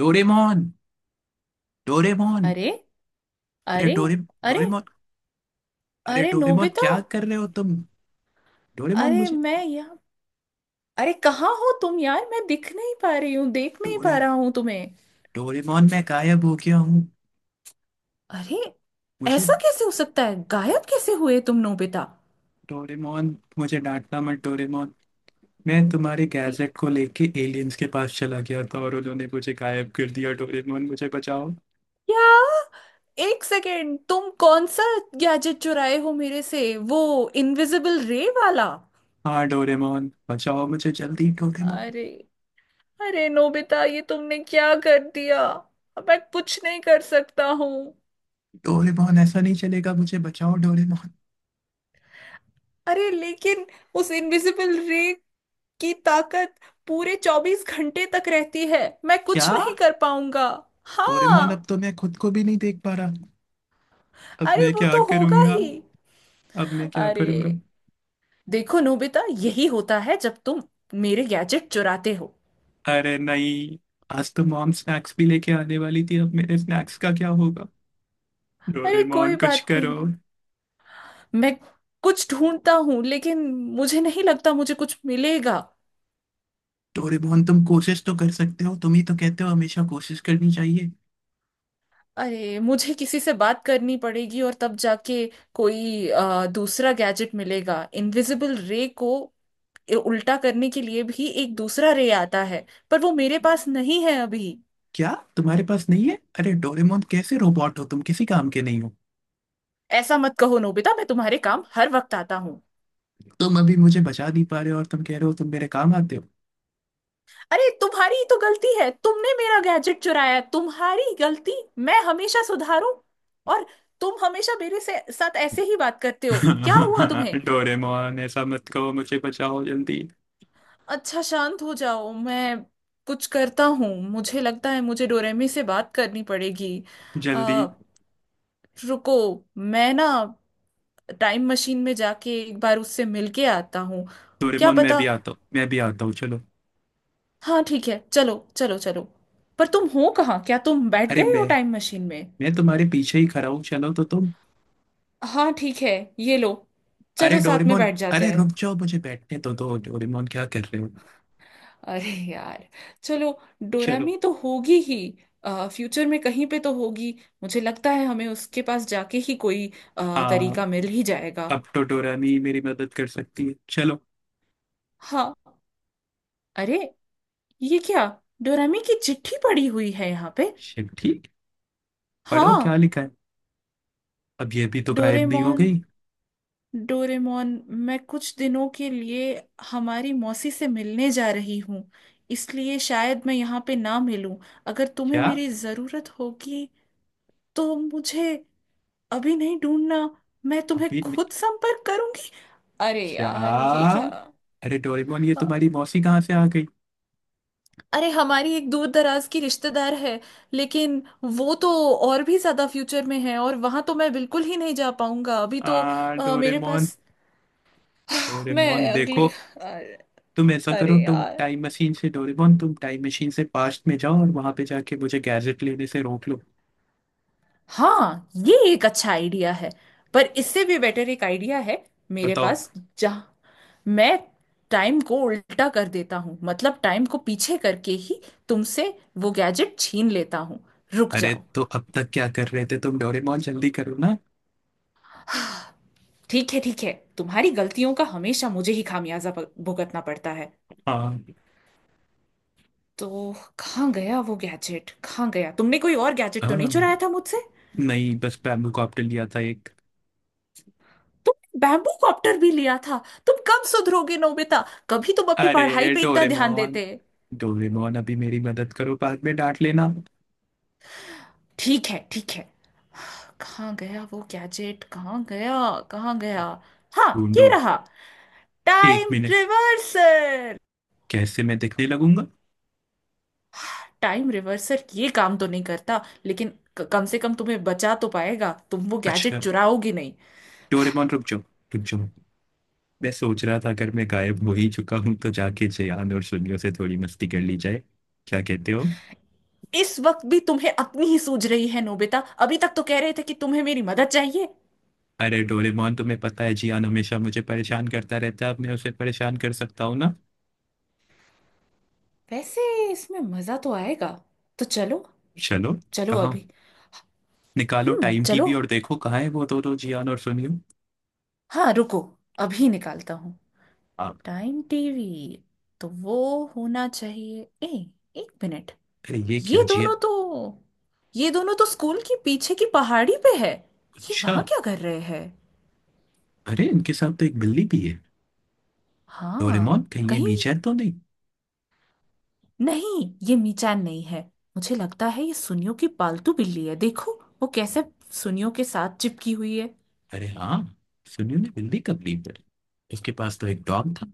Doraemon. Doraemon. अरे! अरे अरे! डोरे। अरे! डोरेमोन। अरे अरे डोरेमोन, नोबिता! क्या कर रहे हो तुम? डोरेमोन अरे, मुझे, मैं यहाँ। अरे, कहाँ हो तुम यार? मैं दिख नहीं पा रही हूँ, देख नहीं पा डोरे, रहा हूँ तुम्हें। डोरेमोन मैं गायब हो गया हूँ। अरे, मुझे, ऐसा कैसे हो सकता है? गायब कैसे हुए तुम नोबिता? डोरेमोन मुझे डांटना मत। डोरेमोन मैं तुम्हारे गैजेट को लेके एलियंस के पास चला गया था और उन्होंने मुझे गायब कर दिया। डोरेमोन मुझे बचाओ। क्या? एक सेकेंड, तुम कौन सा गैजेट चुराए हो मेरे से? वो इनविजिबल रे वाला? हाँ, डोरेमोन बचाओ मुझे जल्दी डोरेमोन। अरे! अरे नोबिता, ये तुमने क्या कर दिया? अब मैं कुछ नहीं कर सकता हूँ। डोरेमोन ऐसा नहीं चलेगा, मुझे बचाओ डोरेमोन। अरे, लेकिन उस इनविजिबल रे की ताकत पूरे 24 घंटे तक रहती है। मैं क्या? कुछ नहीं कर पाऊंगा। हाँ। डोरेमोन अब तो मैं खुद को भी नहीं देख पा रहा। अब अरे, मैं वो क्या तो होगा करूंगा? ही। अब मैं क्या करूंगा? अरे, देखो नोबिता, यही होता है जब तुम मेरे गैजेट चुराते हो। अरे नहीं, आज तो मॉम स्नैक्स भी लेके आने वाली थी, अब मेरे स्नैक्स का क्या होगा? अरे, डोरेमोन कोई कुछ बात करो। नहीं। मैं कुछ ढूंढता हूँ, लेकिन मुझे नहीं लगता मुझे कुछ मिलेगा। डोरेमोन तुम कोशिश तो कर सकते हो, तुम ही तो कहते हो हमेशा कोशिश करनी चाहिए। अरे, मुझे किसी से बात करनी पड़ेगी और तब जाके कोई दूसरा गैजेट मिलेगा। इनविजिबल रे को उल्टा करने के लिए भी एक दूसरा रे आता है, पर वो मेरे पास नहीं है अभी। क्या तुम्हारे पास नहीं है? अरे डोरेमोन कैसे रोबोट हो तुम, किसी काम के नहीं हो। ऐसा मत कहो नोबिता, मैं तुम्हारे काम हर वक्त आता हूँ। तुम अभी मुझे बचा नहीं पा रहे हो और तुम कह रहे हो तुम मेरे काम आते हो। अरे, तुम्हारी ही तो गलती है। तुमने मेरा गैजेट चुराया, तुम्हारी गलती मैं हमेशा सुधारू। और तुम हमेशा मेरे से साथ ऐसे ही बात करते हो? क्या हुआ तुम्हें? डोरेमोन ऐसा मत कहो, मुझे बचाओ जल्दी। अच्छा, शांत हो जाओ। मैं कुछ करता हूँ। मुझे लगता है मुझे डोरेमी से बात करनी पड़ेगी। जल्दी। आ, रुको। मैं ना टाइम मशीन में जाके एक बार उससे मिल के आता हूँ। क्या डोरेमोन मैं पता। भी आता हूँ, मैं भी आता हूँ, चलो। हाँ, ठीक है, चलो चलो चलो। पर तुम हो कहाँ? क्या तुम बैठ अरे गए हो मैं टाइम मशीन में? मैं तुम्हारे पीछे ही खड़ा हूँ, चलो तो तुम। हाँ, ठीक है। ये लो, अरे चलो साथ में डोरेमोन, बैठ जाते अरे हैं। रुक जाओ, मुझे बैठने तो दो तो। डोरेमोन क्या कर रहे हो? अरे यार, चलो। चलो। डोरामी तो होगी ही, फ्यूचर में कहीं पे तो होगी। मुझे लगता है हमें उसके पास जाके ही कोई हाँ, तरीका मिल ही जाएगा। अब तो डोरामी मेरी मदद कर सकती है, चलो। हाँ। अरे, ये क्या? डोरेमी की चिट्ठी पड़ी हुई है यहाँ पे। शिट, ठीक। पढ़ो क्या हाँ। लिखा है। अब ये भी तो गायब नहीं हो डोरेमोन, गई? डोरेमोन, मैं कुछ दिनों के लिए हमारी मौसी से मिलने जा रही हूँ। इसलिए शायद मैं यहाँ पे ना मिलूं। अगर तुम्हें क्या? मेरी ज़रूरत होगी तो मुझे अभी नहीं ढूंढना। मैं तुम्हें अभी नहीं-। खुद संपर्क करूंगी। अरे क्या? यार, ये क्या? अरे डोरेमोन ये अ- तुम्हारी मौसी कहाँ से आ गई? अरे, हमारी एक दूर दराज की रिश्तेदार है, लेकिन वो तो और भी ज्यादा फ्यूचर में है और वहां तो मैं बिल्कुल ही नहीं जा पाऊंगा अभी आ तो। मेरे पास डोरेमोन। मैं डोरेमोन अगली देखो, अरे तुम ऐसा करो, अरे तुम यार, टाइम मशीन से, डोरेमोन तुम टाइम मशीन से पास्ट में जाओ और वहां पे जाके मुझे गैजेट लेने से रोक लो। हाँ, ये एक अच्छा आइडिया है। पर इससे भी बेटर एक आइडिया है मेरे बताओ। पास। जहाँ मैं टाइम को उल्टा कर देता हूँ, मतलब टाइम को पीछे करके ही तुमसे वो गैजेट छीन लेता हूँ। रुक अरे जाओ। तो अब तक क्या कर रहे थे तुम डोरेमोन, जल्दी करो ना। ठीक है ठीक है, तुम्हारी गलतियों का हमेशा मुझे ही खामियाजा भुगतना पड़ता है। हाँ। तो कहाँ गया वो गैजेट? कहाँ गया? तुमने कोई और गैजेट तो नहीं हाँ चुराया था मुझसे? नहीं, बस बैम्बू कॉप्टर लिया था एक। तुमने बैम्बू कॉप्टर भी लिया था? तुम कब सुधरोगे नोबिता? कभी तुम अपनी पढ़ाई अरे पे इतना ध्यान डोरेमोन, देते। डोरेमोन अभी मेरी मदद करो, बाद में डांट लेना। ठीक है ठीक है। कहाँ गया वो गैजेट? कहाँ गया? कहाँ गया? हाँ, ये ढूंढो। रहा एक टाइम मिनट, रिवर्सर। कैसे मैं दिखने लगूंगा? टाइम रिवर्सर ये काम तो नहीं करता, लेकिन कम से कम तुम्हें बचा तो पाएगा। तुम वो गैजेट अच्छा, चुराओगी नहीं। डोरेमोन रुक जाओ, रुक जाओ। मैं सोच रहा था, अगर मैं गायब हो ही चुका हूं तो जाके जियान और सुनियो से थोड़ी मस्ती कर ली जाए। क्या कहते हो? इस वक्त भी तुम्हें अपनी ही सूझ रही है नोबिता? अभी तक तो कह रहे थे कि तुम्हें मेरी मदद चाहिए। अरे डोरेमोन तुम्हें पता है जियान हमेशा मुझे परेशान करता रहता है, अब मैं उसे परेशान कर सकता हूँ। वैसे, इसमें मजा तो आएगा। तो चलो। चलो। चलो कहाँ? अभी। निकालो हम्म, टाइम चलो। टीवी और देखो कहाँ है वो दोनों जियान और सुनियो। हाँ, रुको, अभी निकालता हूँ आप। Time TV. तो वो होना चाहिए। ए एक मिनट। अरे ये क्या, ये जियान? दोनों तो स्कूल के पीछे की पहाड़ी पे है। ये अच्छा। वहां क्या कर रहे हैं? अरे इनके साथ तो एक बिल्ली भी है। हाँ। डोरेमोन कहीं ये कहीं मीचर तो नहीं? नहीं, ये मीचान नहीं है। मुझे लगता है ये सुनियो की पालतू बिल्ली है। देखो, वो कैसे सुनियो के साथ चिपकी हुई है। अरे हाँ, सुनियो ने बिल्ली कब ली फिर? इसके पास तो एक डॉग था।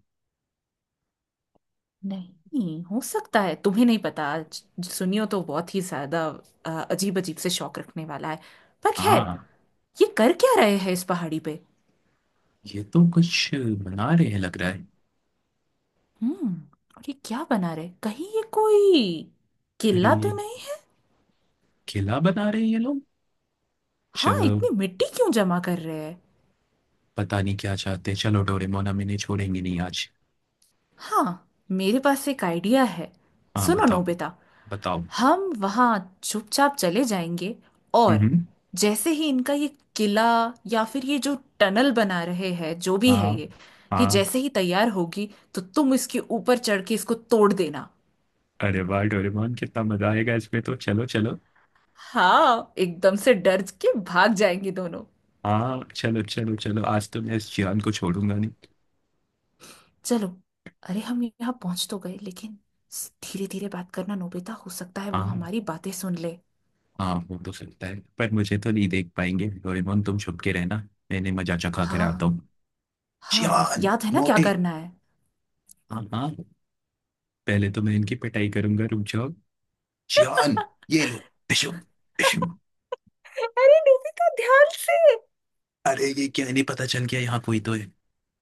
नहीं, हो सकता है तुम्हें नहीं पता। आज सुनियो तो बहुत ही ज्यादा अजीब अजीब से शौक रखने वाला है। पर खैर, हाँ। ये कर क्या रहे हैं इस पहाड़ी पे? ये तो कुछ बना रहे हैं लग रहा है। हम्म। और ये क्या बना रहे? कहीं ये कोई अरे किला ये तो नहीं? किला बना रहे हैं ये लोग। हाँ, चलो। इतनी मिट्टी क्यों जमा कर रहे हैं? पता नहीं क्या चाहते हैं, चलो डोरेमोन हम इन्हें छोड़ेंगे नहीं आज। हाँ, मेरे पास एक आइडिया है। हाँ सुनो बताओ। नोबिता, बताओ। हम वहाँ चुपचाप चले जाएंगे, और हम्म। जैसे ही इनका ये किला, या फिर ये जो टनल बना रहे हैं, जो भी है हाँ। ये हाँ। जैसे ही तैयार होगी, तो तुम इसके ऊपर चढ़ के इसको तोड़ देना। अरे वाह डोरेमोन कितना मजा आएगा इसमें, तो चलो चलो। हाँ, एकदम से डर के भाग जाएंगे दोनों। हाँ चलो चलो चलो, आज तो मैं इस जियान को छोड़ूंगा नहीं। चलो। अरे हम यहाँ पहुंच तो गए, लेकिन धीरे धीरे बात करना नोबिता। हो सकता है वो हाँ। हमारी बातें सुन ले। हाँ वो तो सकता है, पर मुझे तो नहीं देख पाएंगे, डोरेमोन तुम छुप के रहना। मैंने मजा चखा कर आता हाँ हूँ। हाँ, जियान याद है ना क्या मोटे। करना है? हाँ हाँ, पहले तो मैं इनकी पिटाई करूंगा, रुक जाओ। जियान, ये लो। पिशुम। पिशुम। अरे नोबिता, ध्यान से! अरे ये क्या, नहीं पता चल गया, यहाँ कोई तो है।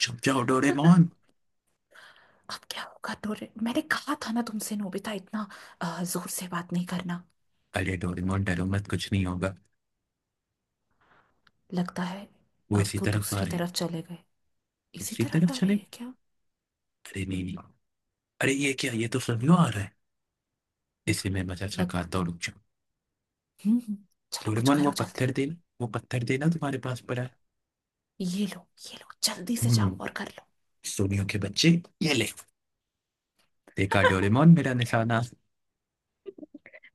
छुप जाओ डोरेमोन। अब क्या होगा डोरे? मैंने कहा था ना तुमसे नोबिता, इतना जोर से बात नहीं करना। अरे डोरेमोन डरो मत, कुछ नहीं होगा। लगता है वो अब इसी वो तरफ आ दूसरी रहे हैं। तरफ चले गए। इसी दूसरी तरफ तरफ आ रहे चले। हैं क्या? अरे नहीं नहीं, अरे ये क्या, ये तो फ्लामिंगो आ रहा है, इसे मैं मजा लग चकाता हूँ, रुक जाओ। हम्म। चलो कुछ डोरेमोन वो करो पत्थर जल्दी। देना, वो पत्थर देना, तुम्हारे पास पड़ा है। ये लो। ये लो, जल्दी से जाओ हम्म। और कर लो। सोनियो के बच्चे, ये ले। देखा डोरेमोन मेरा निशाना?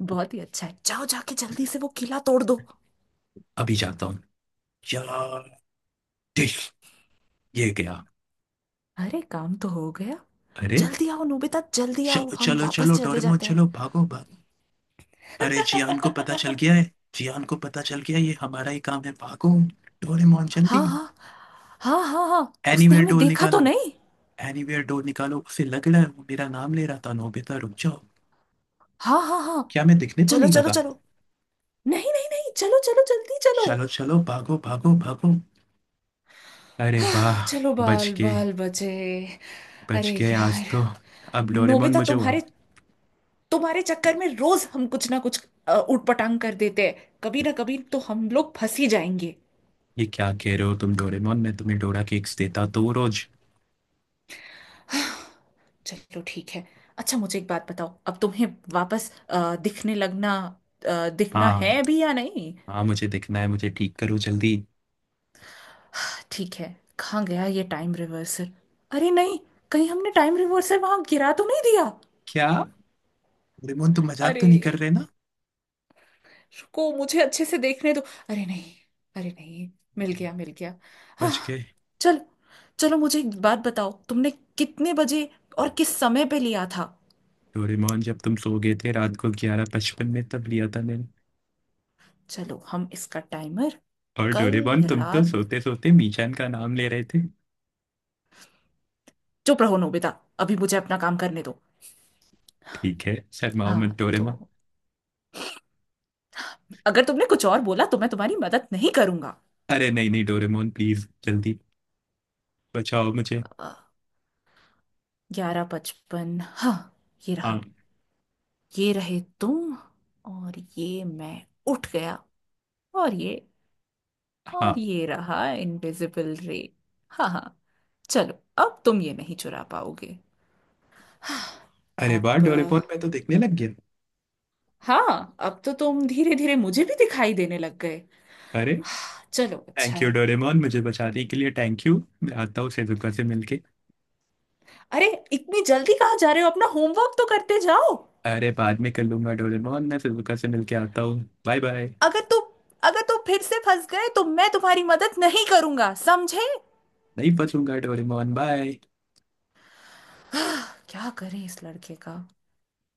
बहुत ही अच्छा है। जाओ, जाके जल्दी से वो किला तोड़ दो। अभी जाता हूँ। यार देख, ये गया। अरे, काम तो हो गया। अरे जल्दी आओ नोबिता, जल्दी आओ। चलो हम चलो वापस चलो, चले डोरेमोन जाते हैं। चलो भागो भागो। अरे जियान को पता चल गया है, जियान को पता चल गया है, ये हमारा ही काम है, भागो। डोरेमोन हाँ जल्दी। हाँ हाँ, हाँ हाँ, उसने एनीवेयर हमें डोल देखा तो निकालो, नहीं? एनीवेयर डोल निकालो, उसे लग रहा है वो मेरा नाम ले रहा था, नोबिता रुक जाओ। हाँ हाँ हाँ। क्या मैं दिखने तो चलो नहीं चलो लगा? चलो। नहीं नहीं नहीं, चलो चलो, जल्दी चलो। चलो चलो भागो भागो भागो। अरे आह, वाह, चलो, बच बाल गए, बाल बचे। बच अरे गए आज यार तो। अब डोरेमोन नोबिता, मुझे हुआ। तुम्हारे तुम्हारे चक्कर में रोज हम कुछ ना कुछ ऊटपटांग कर देते हैं। कभी ना कभी तो हम लोग फंस ही जाएंगे। ये क्या कह रहे हो तुम डोरेमोन, मैं तुम्हें डोरा केक्स देता तो रोज। चलो ठीक है। अच्छा, मुझे एक बात बताओ, अब तुम्हें वापस दिखने लगना, दिखना है हाँ, अभी या नहीं? हाँ मुझे दिखना है, मुझे ठीक करो जल्दी। हाँ, ठीक है। कहाँ गया ये टाइम रिवर्सर? अरे नहीं, कहीं हमने टाइम रिवर्सर वहां गिरा तो नहीं दिया? क्या, डोरेमोन तुम मजाक अरे, तो नहीं कर रहे ना? रुको, मुझे अच्छे से देखने दो। अरे नहीं! अरे नहीं! मिल गया, मिल गया। हाँ। बच गए। चल, चलो, मुझे एक बात बताओ, तुमने कितने बजे और किस समय पे लिया था? डोरेमोन जब तुम सो गए थे रात को 11:55 में तब लिया था मैंने। चलो, हम इसका टाइमर। और कल डोरेमोन तुम तो रात। सोते सोते मीचान का नाम ले रहे थे। चुप रहो नोबिता, अभी मुझे अपना काम करने दो। ठीक है, शर्माओ मत हाँ तो, डोरेमोन। अगर तुमने कुछ और बोला तो मैं तुम्हारी मदद नहीं करूंगा। अरे नहीं नहीं डोरेमोन प्लीज जल्दी, बचाओ मुझे। 11:55, हाँ। ये हाँ। रहा। ये रहे तुम। और ये मैं, उठ गया। और ये, और हाँ, ये रहा इनविजिबल रे। हाँ हाँ, चलो, अब तुम ये नहीं चुरा पाओगे। अरे अब वाह डोरेमोन मैं तो देखने लग गया। हाँ, अब तो तुम धीरे धीरे मुझे भी दिखाई देने लग गए। अरे हाँ, चलो अच्छा थैंक यू है। डोरेमोन मुझे बचाने के लिए, थैंक यू। मैं आता हूँ सेजुका से मिलके। अरे, इतनी जल्दी कहाँ जा रहे हो? अपना होमवर्क तो करते जाओ। अरे बाद में कर लूंगा डोरेमोन, मैं सेजुका से मिलके आता हूँ, बाय बाय। अगर तू अगर तू फिर से फंस गए तो मैं तुम्हारी मदद नहीं करूंगा समझे। नहीं बचूंगा डोरेमोन, बाय। क्या करे इस लड़के का।